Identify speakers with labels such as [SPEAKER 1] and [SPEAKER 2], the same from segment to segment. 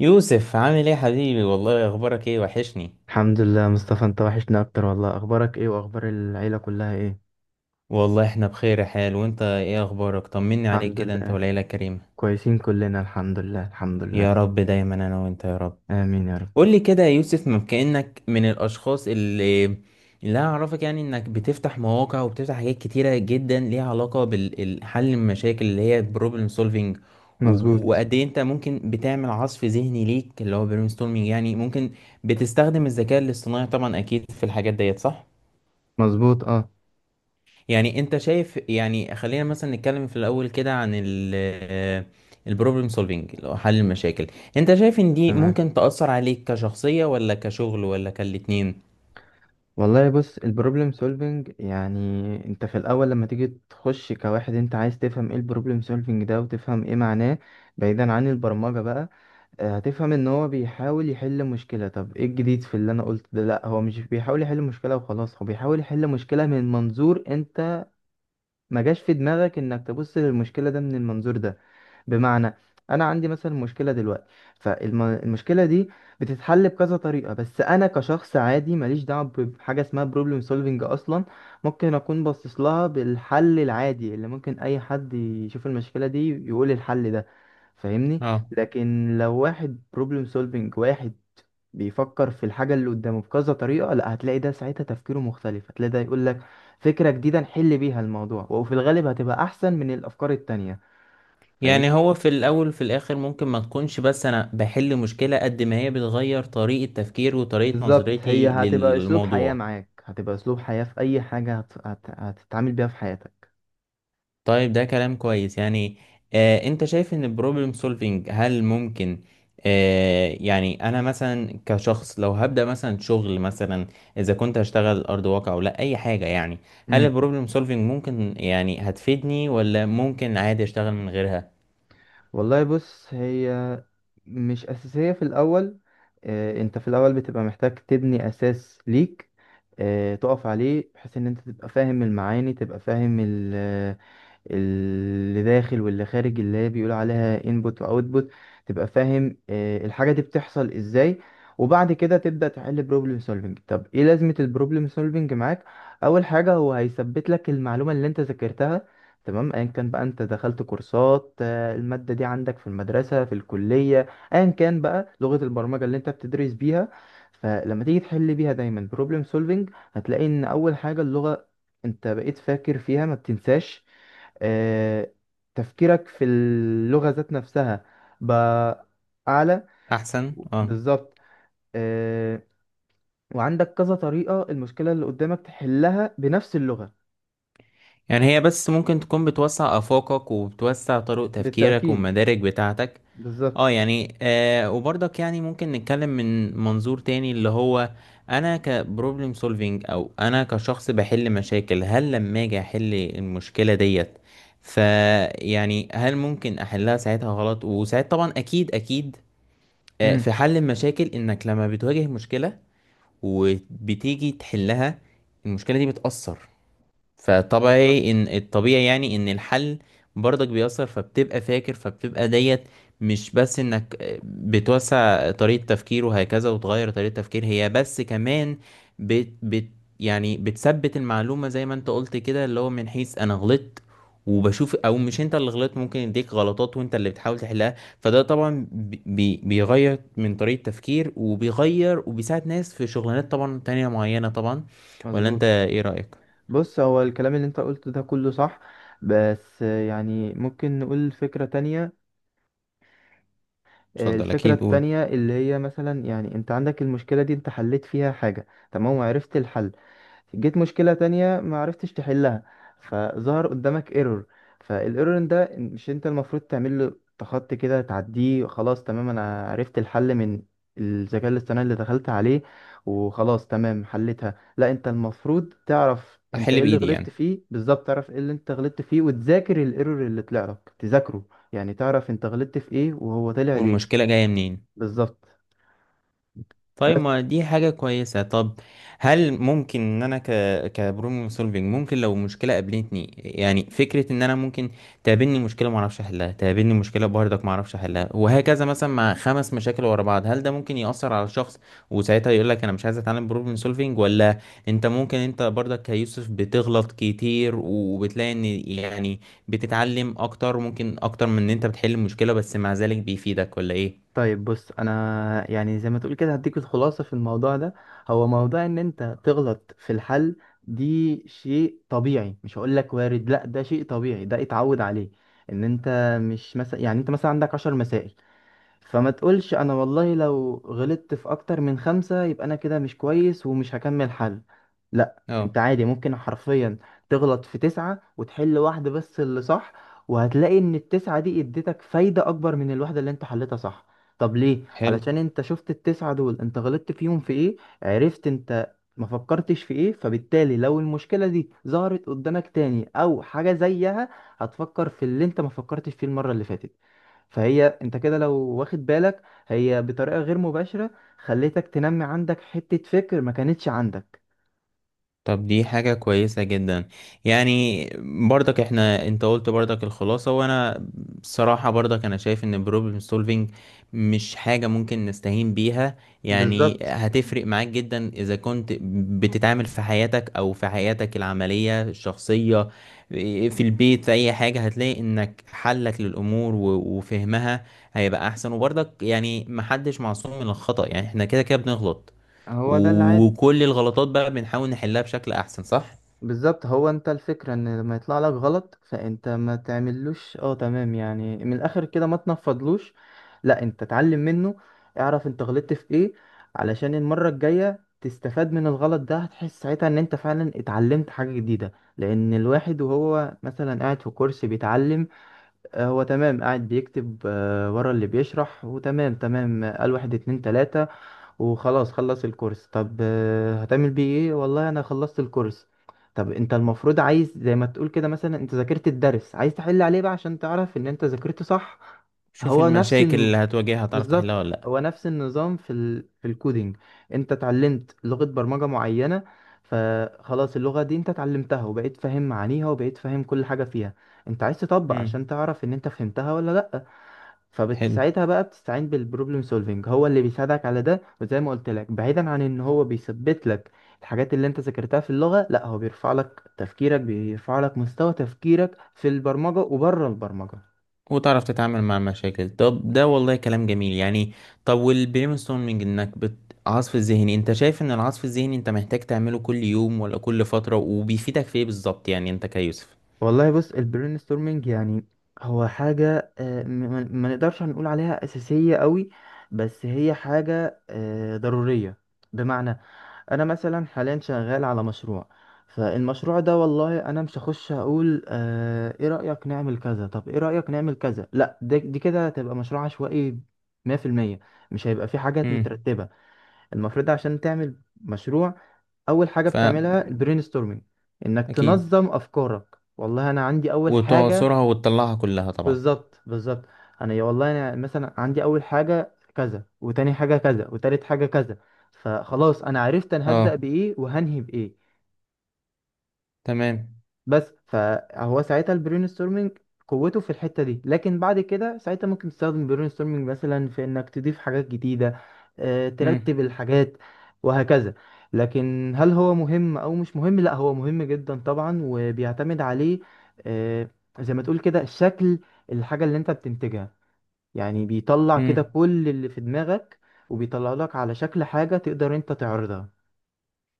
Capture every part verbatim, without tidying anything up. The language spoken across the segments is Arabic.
[SPEAKER 1] يوسف، عامل ايه يا حبيبي؟ والله اخبارك ايه؟ وحشني.
[SPEAKER 2] الحمد لله، مصطفى. انت وحشنا اكتر والله. اخبارك ايه واخبار العيلة كلها ايه؟
[SPEAKER 1] والله احنا بخير يا حال. وانت ايه اخبارك؟ طمني عليك
[SPEAKER 2] الحمد
[SPEAKER 1] كده، انت
[SPEAKER 2] لله،
[SPEAKER 1] وليلى كريمة.
[SPEAKER 2] كويسين كلنا. الحمد لله، الحمد لله.
[SPEAKER 1] يا رب دايما، انا وانت يا رب.
[SPEAKER 2] امين يا رب.
[SPEAKER 1] قول لي كده يا يوسف، ما كأنك من الاشخاص اللي اللي أنا اعرفك، يعني انك بتفتح مواقع وبتفتح حاجات كتيرة جدا ليها علاقة بالحل المشاكل اللي هي بروبلم سولفينج.
[SPEAKER 2] مظبوط.
[SPEAKER 1] وقد ايه انت ممكن بتعمل عصف ذهني ليك اللي هو برين ستورمينج؟ يعني ممكن بتستخدم الذكاء الاصطناعي طبعا، اكيد في الحاجات ديت، صح؟
[SPEAKER 2] مظبوط، اه.
[SPEAKER 1] يعني انت شايف، يعني خلينا مثلا نتكلم في الاول كده عن ال البروبلم سولفينج اللي هو حل المشاكل. انت شايف ان دي
[SPEAKER 2] تمام.
[SPEAKER 1] ممكن تأثر عليك كشخصية ولا كشغل ولا كالاتنين؟
[SPEAKER 2] والله بص، البروبلم سولفينج يعني، انت في الاول لما تيجي تخش كواحد انت عايز تفهم ايه البروبلم سولفينج ده وتفهم ايه معناه، بعيدا عن البرمجة بقى. آه، هتفهم ان هو بيحاول يحل مشكلة. طب ايه الجديد في اللي انا قلت ده؟ لا، هو مش بيحاول يحل مشكلة وخلاص، هو بيحاول يحل مشكلة من منظور انت ما جاش في دماغك انك تبص للمشكلة ده من المنظور ده. بمعنى، انا عندي مثلا مشكله دلوقتي، فالمشكله دي بتتحل بكذا طريقه، بس انا كشخص عادي ماليش دعوه ب- بحاجه اسمها بروبلم سولفنج اصلا. ممكن اكون باصص لها بالحل العادي اللي ممكن اي حد يشوف المشكله دي يقول الحل ده. فاهمني؟
[SPEAKER 1] اه،
[SPEAKER 2] لكن لو واحد بروبلم سولفنج، واحد بيفكر في الحاجة اللي قدامه بكذا طريقة، لا هتلاقي ده ساعتها تفكيره مختلف، هتلاقي ده يقول لك فكرة جديدة نحل بيها الموضوع، وفي الغالب هتبقى أحسن من الأفكار التانية.
[SPEAKER 1] يعني هو في الاول وفي الاخر ممكن ما تكونش بس انا بحل مشكلة، قد ما هي بتغير طريقة تفكير وطريقة
[SPEAKER 2] بالظبط، هي
[SPEAKER 1] نظرتي
[SPEAKER 2] هتبقى اسلوب حياة
[SPEAKER 1] للموضوع.
[SPEAKER 2] معاك، هتبقى اسلوب حياة في اي حاجة هت... هت... هتتعامل بيها في حياتك.
[SPEAKER 1] طيب ده كلام كويس يعني. آه انت شايف ان البروبلم سولفينج هل ممكن؟ آه يعني انا مثلا كشخص لو هبدأ مثلا شغل مثلا، اذا كنت هشتغل ارض واقع ولا اي حاجة يعني، هل
[SPEAKER 2] امم
[SPEAKER 1] البروبلم سولفينج ممكن يعني هتفيدني ولا ممكن عادي اشتغل من غيرها؟
[SPEAKER 2] والله بص، هي مش اساسية في الاول. آه، انت في الاول بتبقى محتاج تبني اساس ليك، آه، تقف عليه بحيث ان انت تبقى فاهم المعاني، تبقى فاهم اللي داخل واللي خارج اللي هي بيقول عليها انبوت واوتبوت. تبقى فاهم آه، الحاجة دي بتحصل ازاي. وبعد كده تبدأ تحل بروبلم سولفنج. طب ايه لازمة البروبلم سولفنج معاك؟ اول حاجة هو هيثبت لك المعلومة اللي انت ذاكرتها، تمام. ايا كان بقى انت دخلت كورسات، آه، المادة دي عندك في المدرسة في الكلية، ايا كان بقى لغة البرمجة اللي انت بتدرس بيها، فلما تيجي تحل بيها دايما بروبلم سولفنج، هتلاقي ان اول حاجة اللغة انت بقيت فاكر فيها، ما بتنساش. آه، تفكيرك في اللغة ذات نفسها بقى أعلى.
[SPEAKER 1] احسن اه.
[SPEAKER 2] بالظبط. آه، وعندك كذا طريقة المشكلة اللي قدامك تحلها بنفس اللغة.
[SPEAKER 1] يعني هي بس ممكن تكون بتوسع افاقك وبتوسع طرق تفكيرك
[SPEAKER 2] بالتأكيد،
[SPEAKER 1] والمدارك بتاعتك. اه
[SPEAKER 2] بالظبط.
[SPEAKER 1] يعني، آه وبرضك يعني ممكن نتكلم من منظور تاني اللي هو انا كبروبلم سولفينج او انا كشخص بحل مشاكل. هل لما اجي احل المشكلة ديت فيعني هل ممكن احلها ساعتها غلط؟ وساعات طبعا، اكيد اكيد. آه
[SPEAKER 2] مم.
[SPEAKER 1] في حل المشاكل، انك لما بتواجه مشكلة وبتيجي تحلها، المشكلة دي بتأثر، فطبيعي
[SPEAKER 2] بالظبط.
[SPEAKER 1] ان الطبيعي يعني ان الحل برضك بيأثر، فبتبقى فاكر فبتبقى ديت. مش بس انك بتوسع طريقة تفكير وهكذا وتغير طريقة تفكير، هي بس كمان بت بت يعني بتثبت المعلومة زي ما انت قلت كده، اللي هو من حيث انا غلطت وبشوف، او مش انت اللي غلطت، ممكن يديك غلطات وانت اللي بتحاول تحلها. فده طبعا بي بي- بيغير من طريقة تفكير وبيغير وبيساعد ناس في شغلانات طبعا تانية معينة طبعا. ولا انت
[SPEAKER 2] مظبوط.
[SPEAKER 1] ايه رأيك؟
[SPEAKER 2] بص، هو الكلام اللي انت قلته ده كله صح، بس آه، يعني ممكن نقول فكرة تانية. آه،
[SPEAKER 1] اتفضل
[SPEAKER 2] الفكرة
[SPEAKER 1] اكيد، قول.
[SPEAKER 2] التانية اللي هي مثلا، يعني انت عندك المشكلة دي، انت حليت فيها حاجة تمام وعرفت الحل. جيت مشكلة تانية ما عرفتش تحلها، فظهر قدامك ايرور. فالايرور ده مش انت المفروض تعمل له تخطي كده تعديه خلاص، تمام انا عرفت الحل من الذكاء الاصطناعي اللي دخلت عليه وخلاص تمام حلتها. لا، انت المفروض تعرف انت
[SPEAKER 1] احل
[SPEAKER 2] ايه اللي
[SPEAKER 1] بايدي
[SPEAKER 2] غلطت
[SPEAKER 1] يعني.
[SPEAKER 2] فيه بالظبط، تعرف ايه اللي انت غلطت فيه، وتذاكر الايرور اللي طلع لك تذاكره. يعني تعرف انت غلطت في ايه وهو طلع ليه.
[SPEAKER 1] والمشكله جايه منين.
[SPEAKER 2] بالظبط.
[SPEAKER 1] طيب،
[SPEAKER 2] بس
[SPEAKER 1] ما دي حاجة كويسة. طب، هل ممكن ان انا ك كبروبلم سولفينج، ممكن لو مشكلة قابلتني يعني، فكرة ان انا ممكن تقابلني مشكلة ما اعرفش احلها، تقابلني مشكلة برضك ما اعرفش احلها، وهكذا مثلا مع خمس مشاكل ورا بعض، هل ده ممكن يأثر على الشخص وساعتها يقول لك انا مش عايز اتعلم بروبلم سولفينج؟ ولا انت ممكن، انت برضك كيوسف بتغلط كتير وبتلاقي ان يعني بتتعلم اكتر، ممكن اكتر من ان انت بتحل المشكلة، بس مع ذلك بيفيدك ولا ايه؟
[SPEAKER 2] طيب بص، انا يعني زي ما تقول كده هديك الخلاصه في الموضوع ده. هو موضوع ان انت تغلط في الحل، دي شيء طبيعي. مش هقول لك وارد، لا ده شيء طبيعي، ده اتعود عليه. ان انت مش مثلا، يعني انت مثلا عندك عشر مسائل، فما تقولش انا والله لو غلطت في اكتر من خمسة يبقى انا كده مش كويس ومش هكمل حل. لا،
[SPEAKER 1] اه.
[SPEAKER 2] انت عادي ممكن حرفيا تغلط في تسعة وتحل واحدة بس اللي صح. وهتلاقي ان التسعة دي اديتك فايدة اكبر من الواحدة اللي انت حلتها صح. طب ليه؟
[SPEAKER 1] حلو.
[SPEAKER 2] علشان انت شفت التسعة دول انت غلطت فيهم في ايه، عرفت انت ما فكرتش في ايه. فبالتالي لو المشكلة دي ظهرت قدامك تاني او حاجة زيها، هتفكر في اللي انت ما فكرتش فيه المرة اللي فاتت. فهي انت كده لو واخد بالك، هي بطريقة غير مباشرة خليتك تنمي عندك حتة فكر ما كانتش عندك.
[SPEAKER 1] طب دي حاجة كويسة جدا يعني. برضك احنا انت قلت برضك الخلاصة، وانا بصراحة برضك انا شايف ان problem solving مش حاجة ممكن نستهين بيها. يعني
[SPEAKER 2] بالظبط.
[SPEAKER 1] هتفرق معاك جدا اذا كنت بتتعامل في حياتك او في حياتك العملية الشخصية، في البيت، في اي حاجة. هتلاقي انك حلك للامور و- وفهمها هيبقى احسن. وبرضك يعني محدش معصوم من الخطأ، يعني احنا كده كده بنغلط،
[SPEAKER 2] هو ده العادي.
[SPEAKER 1] وكل الغلطات بقى بنحاول نحلها بشكل احسن، صح؟
[SPEAKER 2] بالظبط. هو انت الفكرة ان لما يطلع لك غلط، فانت ما تعملوش اه تمام، يعني من الاخر كده ما تنفضلوش. لا، انت اتعلم منه، اعرف انت غلطت في ايه علشان المرة الجاية تستفاد من الغلط ده. هتحس ساعتها ان انت فعلا اتعلمت حاجة جديدة. لان الواحد وهو مثلا قاعد في كرسي بيتعلم، آه، هو تمام قاعد بيكتب آه، ورا اللي بيشرح وتمام تمام، آه، قال واحد اتنين تلاتة وخلاص خلص الكورس. طب آه، هتعمل بيه ايه؟ والله انا خلصت الكورس. طب انت المفروض عايز زي ما تقول كده، مثلا انت ذاكرت الدرس عايز تحل عليه بقى عشان تعرف ان انت ذاكرته صح.
[SPEAKER 1] شوف
[SPEAKER 2] هو نفس
[SPEAKER 1] المشاكل اللي هتواجهها، تعرف تحلها
[SPEAKER 2] بالظبط،
[SPEAKER 1] ولا لا.
[SPEAKER 2] هو نفس النظام في ال... في الكودينج. انت اتعلمت لغة برمجة معينة، فخلاص اللغة دي انت اتعلمتها وبقيت فاهم معانيها وبقيت فاهم كل حاجة فيها. انت عايز تطبق عشان
[SPEAKER 1] امم.
[SPEAKER 2] تعرف ان انت فهمتها ولا لأ.
[SPEAKER 1] حلو.
[SPEAKER 2] فبتساعدها بقى، بتستعين بالبروبلم سولفينج هو اللي بيساعدك على ده. وزي ما قلت لك، بعيدا عن ان هو بيثبت لك الحاجات اللي انت ذاكرتها في اللغة، لا هو بيرفع لك تفكيرك، بيرفع لك مستوى تفكيرك في البرمجة وبره البرمجة.
[SPEAKER 1] وتعرف تتعامل مع المشاكل. طب ده والله كلام جميل يعني. طب والبرين ستورمنج، انك بت... عصف الذهني، انت شايف ان العصف الذهني انت محتاج تعمله كل يوم ولا كل فترة؟ وبيفيدك في ايه بالظبط يعني انت كيوسف؟
[SPEAKER 2] والله بص، البرين ستورمنج يعني هو حاجة، آه، م- ما ما نقدرش هنقول عليها أساسية قوي، بس هي حاجة آه، ضرورية. بمعنى، أنا مثلا حاليا شغال على مشروع. فالمشروع ده والله أنا مش هخش أقول آه، إيه رأيك نعمل كذا طب إيه رأيك نعمل كذا، لا ده- دي كده تبقى مشروع عشوائي مية في المية. مش هيبقى في حاجات
[SPEAKER 1] امم.
[SPEAKER 2] مترتبة. المفروض عشان تعمل مشروع، اول حاجه
[SPEAKER 1] فا
[SPEAKER 2] بتعملها البرين ستورمنج، انك
[SPEAKER 1] اكيد.
[SPEAKER 2] تنظم افكارك. والله انا عندي اول حاجه.
[SPEAKER 1] وتعصرها وتطلعها كلها طبعا.
[SPEAKER 2] بالظبط، بالظبط. انا يا والله، انا مثلا عندي اول حاجه كذا، وتاني حاجه كذا، وتالت حاجه كذا. فخلاص انا عرفت انا هبدا
[SPEAKER 1] اه،
[SPEAKER 2] بايه وهنهي بايه.
[SPEAKER 1] تمام.
[SPEAKER 2] بس فهو ساعتها البرين ستورمنج قوته في الحته دي. لكن بعد كده ساعتها ممكن تستخدم البرين ستورمنج مثلا في انك تضيف حاجات جديده، آه، ترتب الحاجات وهكذا. لكن هل هو مهم او مش مهم؟ لا هو مهم جدا طبعا وبيعتمد عليه. آه، زي ما تقول كده شكل الحاجه اللي انت بتنتجها. يعني بيطلع كده
[SPEAKER 1] امم.
[SPEAKER 2] كل اللي في دماغك، وبيطلع لك على شكل حاجه تقدر انت تعرضها.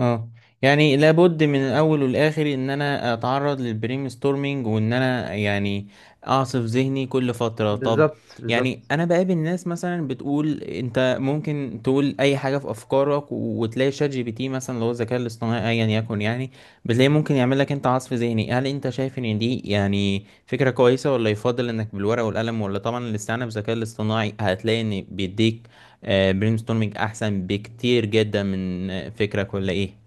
[SPEAKER 1] اه يعني لابد من الاول والاخر ان انا اتعرض للبرين ستورمينج، وان انا يعني اعصف ذهني كل فتره. طب،
[SPEAKER 2] بالظبط،
[SPEAKER 1] يعني
[SPEAKER 2] بالظبط.
[SPEAKER 1] انا بقابل ناس مثلا بتقول انت ممكن تقول اي حاجه في افكارك و- وتلاقي شات جي بي تي مثلا، اللي هو الذكاء الاصطناعي ايا يكن. يعني بتلاقي ممكن يعمل لك انت عصف ذهني، هل انت شايف ان دي يعني فكره كويسه، ولا يفضل انك بالورقه والقلم، ولا طبعا الاستعانه بالذكاء الاصطناعي هتلاقي ان بيديك برين ستورمينج احسن بكتير جدا من آه، فكره كلها ايه؟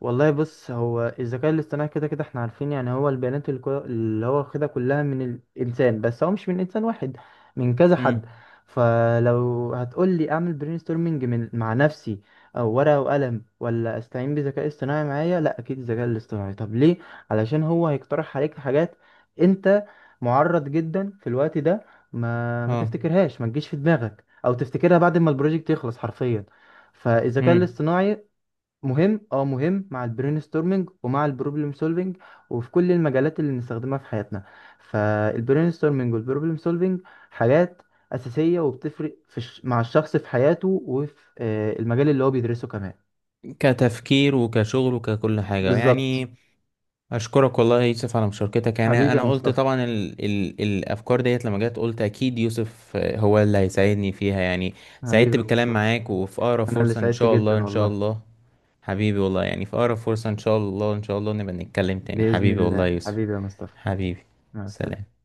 [SPEAKER 2] والله بص، هو الذكاء الاصطناعي كده كده احنا عارفين، يعني هو البيانات الكو- اللي هو واخدها كلها من الانسان، بس هو مش من انسان واحد، من كذا حد.
[SPEAKER 1] مم.
[SPEAKER 2] فلو هتقول لي اعمل برين ستورمنج من مع نفسي، او ورقه وقلم، ولا استعين بذكاء اصطناعي معايا؟ لا، اكيد الذكاء الاصطناعي. طب ليه؟ علشان هو هيقترح عليك حاجات انت معرض جدا في الوقت ده ما ما
[SPEAKER 1] اه،
[SPEAKER 2] تفتكرهاش، ما تجيش في دماغك، او تفتكرها بعد ما البروجكت يخلص حرفيا. فالذكاء
[SPEAKER 1] مم.
[SPEAKER 2] الاصطناعي مهم، اه مهم، مع البرين ستورمنج ومع البروبلم سولفنج وفي كل المجالات اللي بنستخدمها في حياتنا. فالبرين ستورمنج والبروبلم سولفنج حاجات أساسية، وبتفرق في الش... مع الشخص في حياته وفي آه، المجال اللي هو بيدرسه كمان.
[SPEAKER 1] كتفكير وكشغل وككل حاجه
[SPEAKER 2] بالظبط.
[SPEAKER 1] يعني. اشكرك والله يا يوسف على مشاركتك. يعني
[SPEAKER 2] حبيبي يا
[SPEAKER 1] انا قلت
[SPEAKER 2] مصطفى.
[SPEAKER 1] طبعا ال ال الافكار ديت لما جت، قلت اكيد يوسف آه، هو اللي هيساعدني فيها يعني.
[SPEAKER 2] حبيبي
[SPEAKER 1] سعدت
[SPEAKER 2] يا
[SPEAKER 1] بالكلام
[SPEAKER 2] مصطفى.
[SPEAKER 1] معاك، وفي اقرب
[SPEAKER 2] أنا اللي
[SPEAKER 1] فرصه ان
[SPEAKER 2] سعدت
[SPEAKER 1] شاء الله
[SPEAKER 2] جدا
[SPEAKER 1] ان شاء
[SPEAKER 2] والله.
[SPEAKER 1] الله. حبيبي والله يعني، في اقرب فرصه ان شاء الله ان شاء الله نبقى نتكلم تاني،
[SPEAKER 2] بإذن
[SPEAKER 1] حبيبي والله يا
[SPEAKER 2] الله
[SPEAKER 1] يوسف.
[SPEAKER 2] حبيبي يا مصطفى.
[SPEAKER 1] حبيبي.
[SPEAKER 2] مع السلامة.
[SPEAKER 1] سلام.